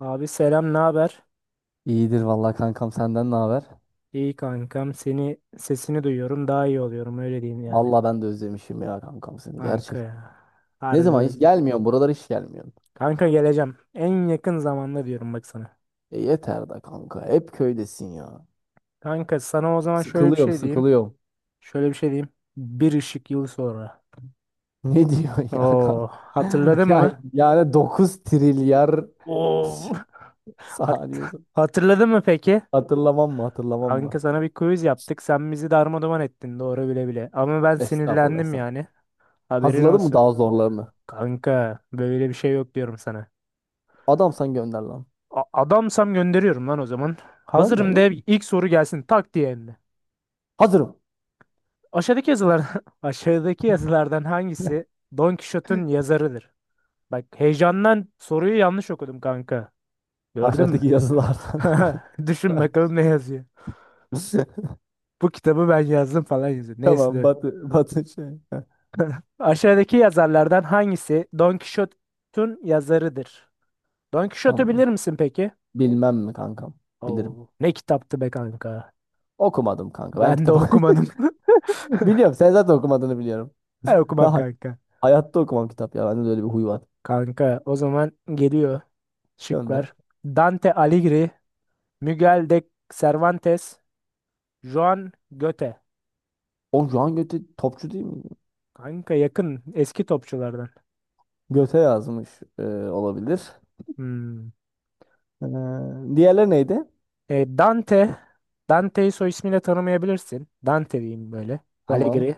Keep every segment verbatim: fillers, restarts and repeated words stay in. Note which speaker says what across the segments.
Speaker 1: Abi selam, ne haber?
Speaker 2: İyidir vallahi kankam senden ne haber?
Speaker 1: İyi kankam. Seni sesini duyuyorum, daha iyi oluyorum öyle diyeyim yani.
Speaker 2: Vallahi ben de özlemişim ya kankam seni
Speaker 1: Kanka
Speaker 2: gerçek.
Speaker 1: ya.
Speaker 2: Ne
Speaker 1: Harbi
Speaker 2: zaman hiç
Speaker 1: özledim.
Speaker 2: gelmiyorsun buralara hiç gelmiyorsun.
Speaker 1: Kanka geleceğim. En yakın zamanda diyorum bak sana.
Speaker 2: E yeter da kanka hep köydesin ya.
Speaker 1: Kanka sana o zaman şöyle bir
Speaker 2: Sıkılıyorum
Speaker 1: şey diyeyim.
Speaker 2: sıkılıyorum.
Speaker 1: Şöyle bir şey diyeyim. Bir ışık yılı sonra.
Speaker 2: Ne diyorsun ya kanka?
Speaker 1: Oo, hatırladın mı?
Speaker 2: Ya, yani dokuz trilyar
Speaker 1: Oo. Hat
Speaker 2: saniye.
Speaker 1: hatırladın mı peki?
Speaker 2: Hatırlamam mı hatırlamam
Speaker 1: Kanka
Speaker 2: mı?
Speaker 1: sana bir quiz yaptık. Sen bizi darmadağın ettin doğru bile bile. Ama ben
Speaker 2: Estağfurullah
Speaker 1: sinirlendim
Speaker 2: estağfurullah.
Speaker 1: yani. Haberin
Speaker 2: Hazırladın mı
Speaker 1: olsun.
Speaker 2: daha zorlarını?
Speaker 1: Kanka böyle bir şey yok diyorum sana.
Speaker 2: Adam sen gönder lan.
Speaker 1: A- adamsam gönderiyorum lan o zaman.
Speaker 2: Gönder
Speaker 1: Hazırım de
Speaker 2: gönder.
Speaker 1: ilk soru gelsin tak diye hem de.
Speaker 2: Hazırım.
Speaker 1: Aşağıdaki yazılar aşağıdaki yazılardan hangisi Don Quixote'un yazarıdır? Bak heyecandan soruyu yanlış okudum kanka. Gördün
Speaker 2: Aşağıdaki
Speaker 1: mü?
Speaker 2: yazılardan.
Speaker 1: Düşün bakalım ne yazıyor. Bu kitabı ben yazdım falan yazıyor. Neyse,
Speaker 2: Tamam
Speaker 1: dur.
Speaker 2: Batı, Batı şey. Heh,
Speaker 1: Aşağıdaki yazarlardan hangisi Don Quixote'un yazarıdır? Don Quixote'u
Speaker 2: tamam.
Speaker 1: bilir misin peki?
Speaker 2: Bilmem mi kankam? Bilirim.
Speaker 1: Oo, ne kitaptı be kanka.
Speaker 2: Okumadım kanka. Ben
Speaker 1: Ben de
Speaker 2: kitap
Speaker 1: okumadım.
Speaker 2: biliyorum. Sen zaten okumadığını biliyorum.
Speaker 1: Ben
Speaker 2: Ben
Speaker 1: okumam
Speaker 2: hay-
Speaker 1: kanka.
Speaker 2: hayatta okumam kitap ya. Bende de öyle bir huy var.
Speaker 1: Kanka o zaman geliyor
Speaker 2: Gönder.
Speaker 1: şıklar. Dante Alighieri, Miguel de Cervantes, Joan Goethe.
Speaker 2: O Joan Göte topçu değil mi?
Speaker 1: Kanka yakın eski topçulardan.
Speaker 2: Göte yazmış e, olabilir.
Speaker 1: Hmm.
Speaker 2: Ee, diğerleri neydi?
Speaker 1: E, Dante, Dante'yi soy ismiyle tanımayabilirsin. Dante diyeyim böyle.
Speaker 2: Tamam.
Speaker 1: Alighieri.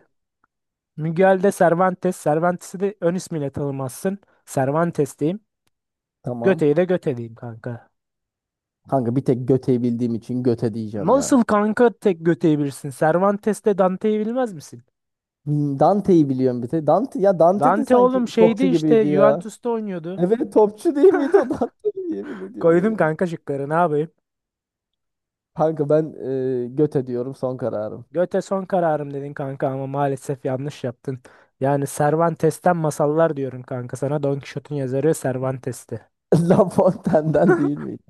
Speaker 1: Miguel de Cervantes, Cervantes'i de ön ismiyle tanımazsın. Cervantes diyeyim.
Speaker 2: Tamam.
Speaker 1: Goethe'yi de Goethe diyeyim kanka.
Speaker 2: Kanka bir tek Göte'yi bildiğim için Göte diyeceğim
Speaker 1: Nasıl
Speaker 2: ya.
Speaker 1: kanka tek Goethe'yi bilirsin? Cervantes'te Dante'yi bilmez misin?
Speaker 2: Hmm, Dante'yi biliyorum bir tek. Dante, ya Dante de
Speaker 1: Dante
Speaker 2: sanki
Speaker 1: oğlum şeydi
Speaker 2: topçu
Speaker 1: işte
Speaker 2: gibiydi ya.
Speaker 1: Juventus'ta oynuyordu.
Speaker 2: Evet topçu değil miydi o Dante? Yemin ediyorum o
Speaker 1: Koydum
Speaker 2: ya.
Speaker 1: kanka şıkları ne yapayım?
Speaker 2: Kanka ben e, göte diyorum son kararım.
Speaker 1: Göte son kararım dedin kanka ama maalesef yanlış yaptın. Yani Cervantes'ten masallar diyorum kanka sana. Don Quixote'un yazarı Cervantes'ti.
Speaker 2: La Fontaine'den değil miydi?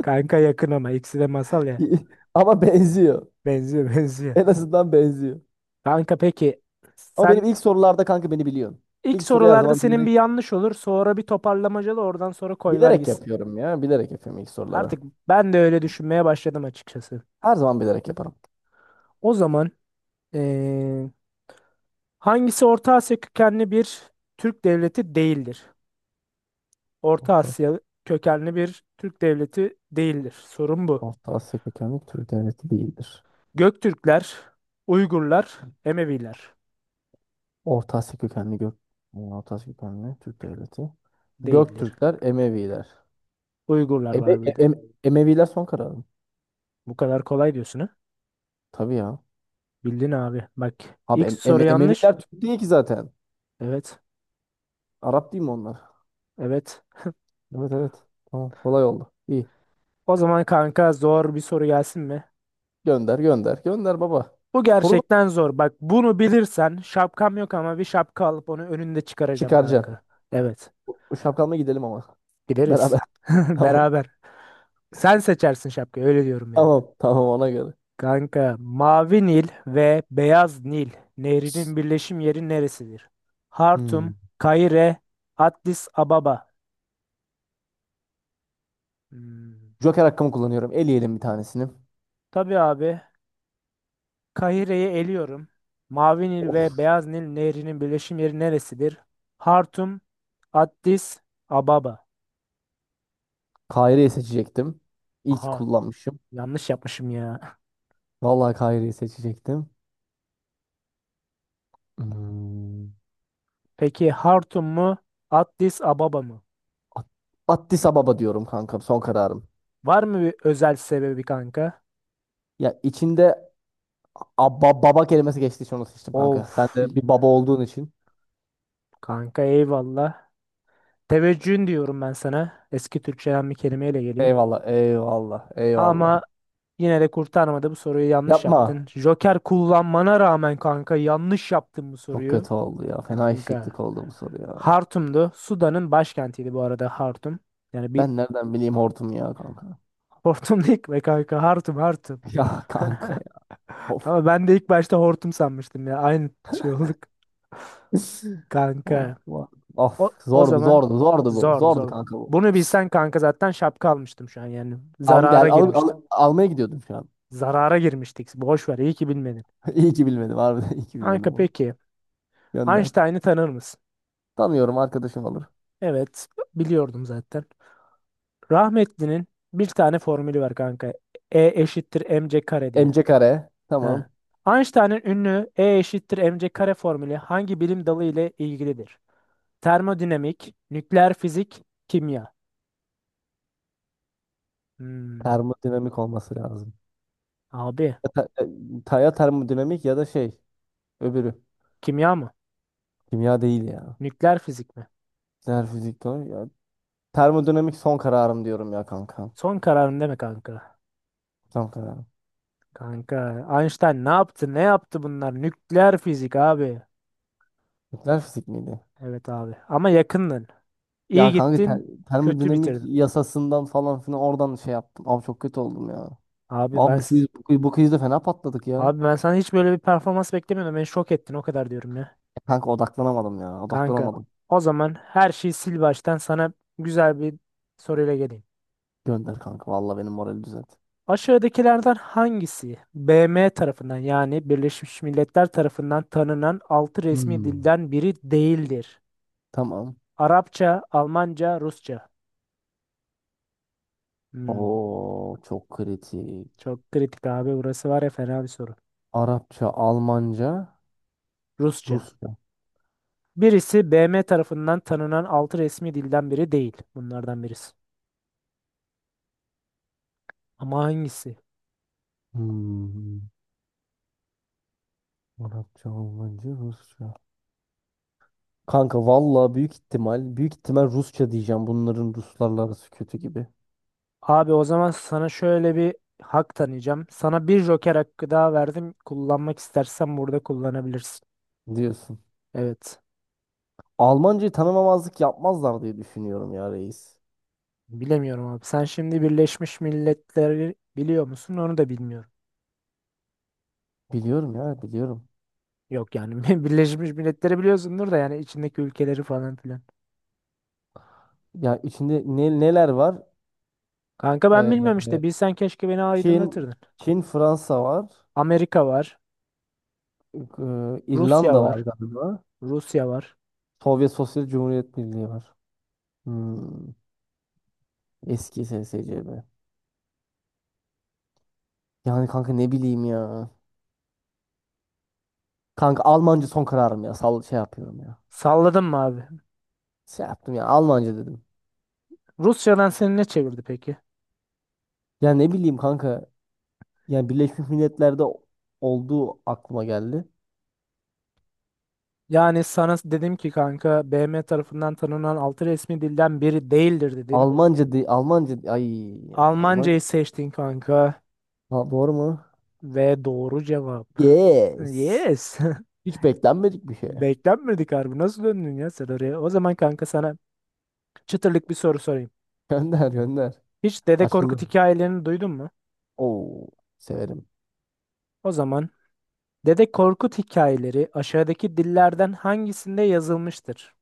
Speaker 1: Kanka yakın ama ikisi de masal ya.
Speaker 2: Ama benziyor.
Speaker 1: Benziyor benziyor.
Speaker 2: En azından benziyor.
Speaker 1: Kanka peki
Speaker 2: Ama
Speaker 1: sen
Speaker 2: benim ilk sorularda kanka beni biliyorsun.
Speaker 1: ilk
Speaker 2: İlk soruyu her
Speaker 1: sorularda
Speaker 2: zaman
Speaker 1: senin bir
Speaker 2: bilerek
Speaker 1: yanlış olur sonra bir toparlamacalı oradan sonra koyver
Speaker 2: bilerek
Speaker 1: gitsin.
Speaker 2: yapıyorum ya. Bilerek yapıyorum ilk soruları.
Speaker 1: Artık ben de öyle düşünmeye başladım açıkçası.
Speaker 2: Her zaman bilerek yaparım.
Speaker 1: O zaman eee, hangisi Orta Asya kökenli bir Türk devleti değildir? Orta
Speaker 2: Orta,
Speaker 1: Asya kökenli bir Türk devleti değildir. Sorun bu.
Speaker 2: Orta Asya kökenli Türk devleti değildir.
Speaker 1: Göktürkler, Uygurlar, Emeviler
Speaker 2: Orta Asya kökenli gök Orta Asya kökenli Türk devleti.
Speaker 1: değildir.
Speaker 2: Göktürkler, Emeviler.
Speaker 1: Uygurlar
Speaker 2: Eme,
Speaker 1: var bir de.
Speaker 2: em- Emeviler son kararım.
Speaker 1: Bu kadar kolay diyorsun ha?
Speaker 2: Tabii ya.
Speaker 1: Bildin abi. Bak
Speaker 2: Abi
Speaker 1: ilk
Speaker 2: em, Eme-
Speaker 1: soru yanlış.
Speaker 2: Emeviler Türk değil ki zaten.
Speaker 1: Evet.
Speaker 2: Arap değil mi onlar?
Speaker 1: Evet.
Speaker 2: Evet evet. Tamam, kolay oldu. İyi.
Speaker 1: O zaman kanka zor bir soru gelsin mi?
Speaker 2: Gönder gönder. Gönder baba.
Speaker 1: Bu
Speaker 2: Soru da
Speaker 1: gerçekten zor. Bak bunu bilirsen şapkam yok ama bir şapka alıp onu önünde çıkaracağım
Speaker 2: çıkaracaksın.
Speaker 1: kanka. Evet.
Speaker 2: Bu şapkanla gidelim ama.
Speaker 1: Gideriz.
Speaker 2: Beraber. Tamam.
Speaker 1: Beraber. Sen seçersin şapkayı öyle diyorum yani.
Speaker 2: Tamam. Tamam ona göre.
Speaker 1: Kanka, Mavi Nil ve Beyaz Nil nehrinin birleşim yeri neresidir? Hartum,
Speaker 2: Hmm.
Speaker 1: Kahire, Addis Ababa. Hmm.
Speaker 2: Joker hakkımı kullanıyorum. Eleyelim bir tanesini.
Speaker 1: Tabii abi, Kahire'yi eliyorum. Mavi Nil ve Beyaz Nil nehrinin birleşim yeri neresidir? Hartum, Addis Ababa.
Speaker 2: Kahire'yi seçecektim. İyi ki
Speaker 1: Aha,
Speaker 2: kullanmışım.
Speaker 1: yanlış yapmışım ya.
Speaker 2: Vallahi Kahire'yi seçecektim. Hmm.
Speaker 1: Peki Hartum mu, Addis Ababa mı?
Speaker 2: At- Addis Ababa diyorum kanka. Son kararım.
Speaker 1: Var mı bir özel sebebi kanka?
Speaker 2: Ya içinde abba, baba kelimesi geçtiği için onu seçtim
Speaker 1: Of,
Speaker 2: kanka. Sen de bir baba olduğun için.
Speaker 1: kanka eyvallah. Teveccühün diyorum ben sana. Eski Türkçeden bir kelimeyle geleyim.
Speaker 2: Eyvallah. Eyvallah. Eyvallah.
Speaker 1: Ama yine de kurtarmadı, bu soruyu yanlış yaptın.
Speaker 2: Yapma.
Speaker 1: Joker kullanmana rağmen kanka yanlış yaptın bu
Speaker 2: Çok
Speaker 1: soruyu.
Speaker 2: kötü oldu ya. Fena
Speaker 1: Kanka.
Speaker 2: eşeklik oldu bu soru ya.
Speaker 1: Hartum'du. Sudan'ın başkentiydi bu arada Hartum. Yani bir
Speaker 2: Ben nereden bileyim hortum ya kanka.
Speaker 1: hortum değil be kanka, Hartum Hartum.
Speaker 2: Ya kanka ya. Of.
Speaker 1: Ama ben de ilk başta hortum sanmıştım ya. Aynı şey olduk
Speaker 2: Of.
Speaker 1: kanka.
Speaker 2: Of. Of.
Speaker 1: O, o
Speaker 2: Zordu
Speaker 1: zaman
Speaker 2: zordu zordu bu.
Speaker 1: zordu
Speaker 2: Zordu
Speaker 1: zor.
Speaker 2: kanka bu.
Speaker 1: Bunu bilsen kanka zaten şapka almıştım şu an yani.
Speaker 2: Al
Speaker 1: Zarara
Speaker 2: gel al,
Speaker 1: girmiştim.
Speaker 2: al- almaya gidiyordum şu an.
Speaker 1: Zarara girmiştik. Boş ver, iyi ki bilmedin.
Speaker 2: İyi ki bilmedim harbiden iyi ki
Speaker 1: Kanka
Speaker 2: bilmedim bunu.
Speaker 1: peki,
Speaker 2: Gönder.
Speaker 1: Einstein'ı tanır mısın?
Speaker 2: Tanıyorum arkadaşım olur.
Speaker 1: Evet, biliyordum zaten. Rahmetli'nin bir tane formülü var kanka. E eşittir mc kare diye.
Speaker 2: M C kare. Tamam.
Speaker 1: Ha. Einstein'ın ünlü E eşittir mc kare formülü hangi bilim dalı ile ilgilidir? Termodinamik, nükleer fizik, kimya. Hmm,
Speaker 2: Termodinamik olması lazım.
Speaker 1: abi,
Speaker 2: Ya, ta- ta- ya termodinamik ya da şey öbürü.
Speaker 1: kimya mı?
Speaker 2: Kimya değil ya.
Speaker 1: Nükleer fizik mi?
Speaker 2: Nükleer fizik doğru ya. Termodinamik son kararım diyorum ya kanka.
Speaker 1: Son kararın deme kanka.
Speaker 2: Tam karar.
Speaker 1: Kanka, Einstein ne yaptı? Ne yaptı bunlar? Nükleer fizik abi.
Speaker 2: Nükleer fizik miydi?
Speaker 1: Evet abi. Ama yakındın. İyi
Speaker 2: Ya kanka ter-
Speaker 1: gittin, kötü
Speaker 2: termodinamik
Speaker 1: bitirdin.
Speaker 2: yasasından falan filan oradan şey yaptım. Abi çok kötü oldum ya.
Speaker 1: Abi ben
Speaker 2: Abi bu
Speaker 1: s-
Speaker 2: quiz, bu quiz, bu quizde fena patladık ya.
Speaker 1: abi ben sana hiç böyle bir performans beklemiyordum. Beni şok ettin o kadar diyorum ya.
Speaker 2: E Kanka odaklanamadım ya.
Speaker 1: Kanka,
Speaker 2: Odaklanamadım.
Speaker 1: o zaman her şeyi sil baştan sana güzel bir soruyla geleyim.
Speaker 2: Gönder kanka. Vallahi benim morali düzelt.
Speaker 1: Aşağıdakilerden hangisi B M tarafından yani Birleşmiş Milletler tarafından tanınan altı resmi
Speaker 2: Hmm.
Speaker 1: dilden biri değildir?
Speaker 2: Tamam.
Speaker 1: Arapça, Almanca, Rusça. Hmm,
Speaker 2: Oo çok kritik.
Speaker 1: çok kritik abi, burası var ya fena bir soru.
Speaker 2: Arapça, Almanca,
Speaker 1: Rusça.
Speaker 2: Rusça.
Speaker 1: Birisi B M tarafından tanınan altı resmi dilden biri değil. Bunlardan birisi. Ama hangisi?
Speaker 2: Hmm. Arapça, Almanca, Rusça. Kanka vallahi büyük ihtimal, büyük ihtimal Rusça diyeceğim. Bunların Ruslarla arası kötü gibi.
Speaker 1: Abi o zaman sana şöyle bir hak tanıyacağım. Sana bir joker hakkı daha verdim. Kullanmak istersen burada kullanabilirsin.
Speaker 2: Diyorsun.
Speaker 1: Evet.
Speaker 2: Almancayı tanımamazlık yapmazlar diye düşünüyorum ya reis.
Speaker 1: Bilemiyorum abi. Sen şimdi Birleşmiş Milletleri biliyor musun? Onu da bilmiyorum.
Speaker 2: Biliyorum ya biliyorum.
Speaker 1: Yok yani Birleşmiş Milletleri biliyorsundur da yani içindeki ülkeleri falan filan.
Speaker 2: Ya içinde ne, neler var?
Speaker 1: Kanka ben bilmiyorum işte.
Speaker 2: Ee,
Speaker 1: Bilsen keşke beni
Speaker 2: Çin,
Speaker 1: aydınlatırdın.
Speaker 2: Çin, Fransa var.
Speaker 1: Amerika var.
Speaker 2: Ee,
Speaker 1: Rusya
Speaker 2: İrlanda var
Speaker 1: var.
Speaker 2: galiba.
Speaker 1: Rusya var.
Speaker 2: Sovyet Sosyal Cumhuriyet Birliği var. Hmm, eski S S C B. Yani kanka ne bileyim ya. Kanka Almanca son kararım ya. Sal şey yapıyorum ya.
Speaker 1: Salladım mı abi?
Speaker 2: Şey yaptım ya Almanca dedim.
Speaker 1: Rusya'dan seni ne çevirdi peki?
Speaker 2: Ya ne bileyim kanka. Yani Birleşmiş Milletler'de olduğu aklıma geldi.
Speaker 1: Yani sana dedim ki kanka, B M tarafından tanınan altı resmi dilden biri değildir dedim.
Speaker 2: Almanca di Almanca di- ay Yani Alman
Speaker 1: Almancayı seçtin kanka
Speaker 2: ha, doğru mu?
Speaker 1: ve doğru cevap.
Speaker 2: Yes.
Speaker 1: Yes.
Speaker 2: Hiç beklenmedik bir şey.
Speaker 1: Beklenmedik harbi. Nasıl döndün ya sen oraya? O zaman kanka sana çıtırlık bir soru sorayım.
Speaker 2: Gönder gönder.
Speaker 1: Hiç Dede Korkut
Speaker 2: Açıldı.
Speaker 1: hikayelerini duydun mu?
Speaker 2: Oo severim.
Speaker 1: O zaman Dede Korkut hikayeleri aşağıdaki dillerden hangisinde yazılmıştır?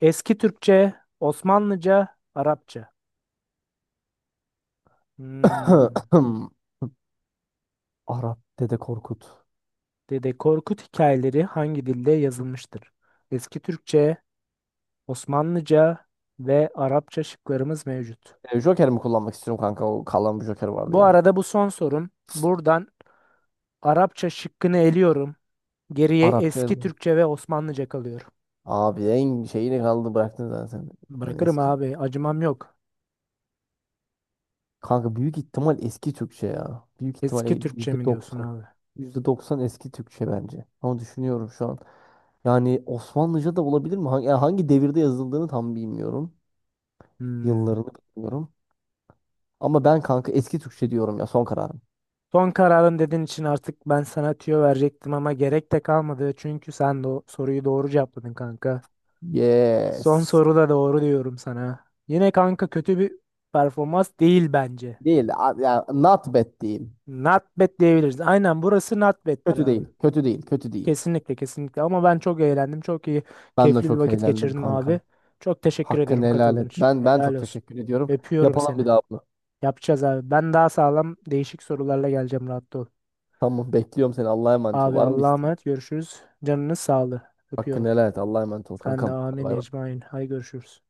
Speaker 1: Eski Türkçe, Osmanlıca, Arapça. Hmm.
Speaker 2: Arap Dede Korkut.
Speaker 1: Dede Korkut hikayeleri hangi dilde yazılmıştır? Eski Türkçe, Osmanlıca ve Arapça şıklarımız mevcut.
Speaker 2: E, Joker mi kullanmak istiyorum kanka? O kalan bir Joker vardı
Speaker 1: Bu
Speaker 2: ya.
Speaker 1: arada bu son sorum. Buradan Arapça şıkkını eliyorum. Geriye
Speaker 2: Arap şey.
Speaker 1: eski Türkçe ve Osmanlıca kalıyor.
Speaker 2: Abi en şeyini kaldı bıraktın zaten. Yani
Speaker 1: Bırakırım
Speaker 2: eski
Speaker 1: abi, acımam yok.
Speaker 2: kanka büyük ihtimal eski Türkçe ya. Büyük ihtimal e,
Speaker 1: Eski Türkçe
Speaker 2: yüzde
Speaker 1: mi diyorsun
Speaker 2: doksan,
Speaker 1: abi?
Speaker 2: yüzde doksan eski Türkçe bence. Ama düşünüyorum şu an. Yani Osmanlıca da olabilir mi? Hangi, yani hangi devirde yazıldığını tam bilmiyorum.
Speaker 1: Hmm.
Speaker 2: Yıllarını bilmiyorum. Ama ben kanka eski Türkçe diyorum ya son kararım.
Speaker 1: Son kararın dediğin için artık ben sana tüyo verecektim ama gerek de kalmadı. Çünkü sen de o soruyu doğru cevapladın kanka. Son
Speaker 2: Yes.
Speaker 1: soruda doğru diyorum sana. Yine kanka kötü bir performans değil bence.
Speaker 2: Değil. A- ya not bad değil.
Speaker 1: Not bad diyebiliriz. Aynen, burası not bad'tir
Speaker 2: Kötü
Speaker 1: abi.
Speaker 2: değil. Kötü değil. Kötü değil.
Speaker 1: Kesinlikle kesinlikle, ama ben çok eğlendim. Çok iyi
Speaker 2: Ben de
Speaker 1: keyifli bir
Speaker 2: çok
Speaker 1: vakit
Speaker 2: eğlendim
Speaker 1: geçirdim abi.
Speaker 2: kankam.
Speaker 1: Çok teşekkür
Speaker 2: Hakkını
Speaker 1: ediyorum
Speaker 2: helal
Speaker 1: katıldığın
Speaker 2: et.
Speaker 1: için.
Speaker 2: Ben ben
Speaker 1: Helal
Speaker 2: çok
Speaker 1: olsun.
Speaker 2: teşekkür ediyorum.
Speaker 1: Öpüyorum
Speaker 2: Yapalım
Speaker 1: seni.
Speaker 2: bir daha bunu.
Speaker 1: Yapacağız abi. Ben daha sağlam değişik sorularla geleceğim rahat ol.
Speaker 2: Tamam bekliyorum seni. Allah'a emanet ol.
Speaker 1: Abi
Speaker 2: Var mı bir
Speaker 1: Allah'a
Speaker 2: isteğin?
Speaker 1: emanet, görüşürüz. Canınız sağlığı. Öpüyorum.
Speaker 2: Hakkını helal et. Allah'a emanet ol
Speaker 1: Sen de
Speaker 2: kankam. Hadi
Speaker 1: amin
Speaker 2: bay bay.
Speaker 1: ecmain. Hay görüşürüz.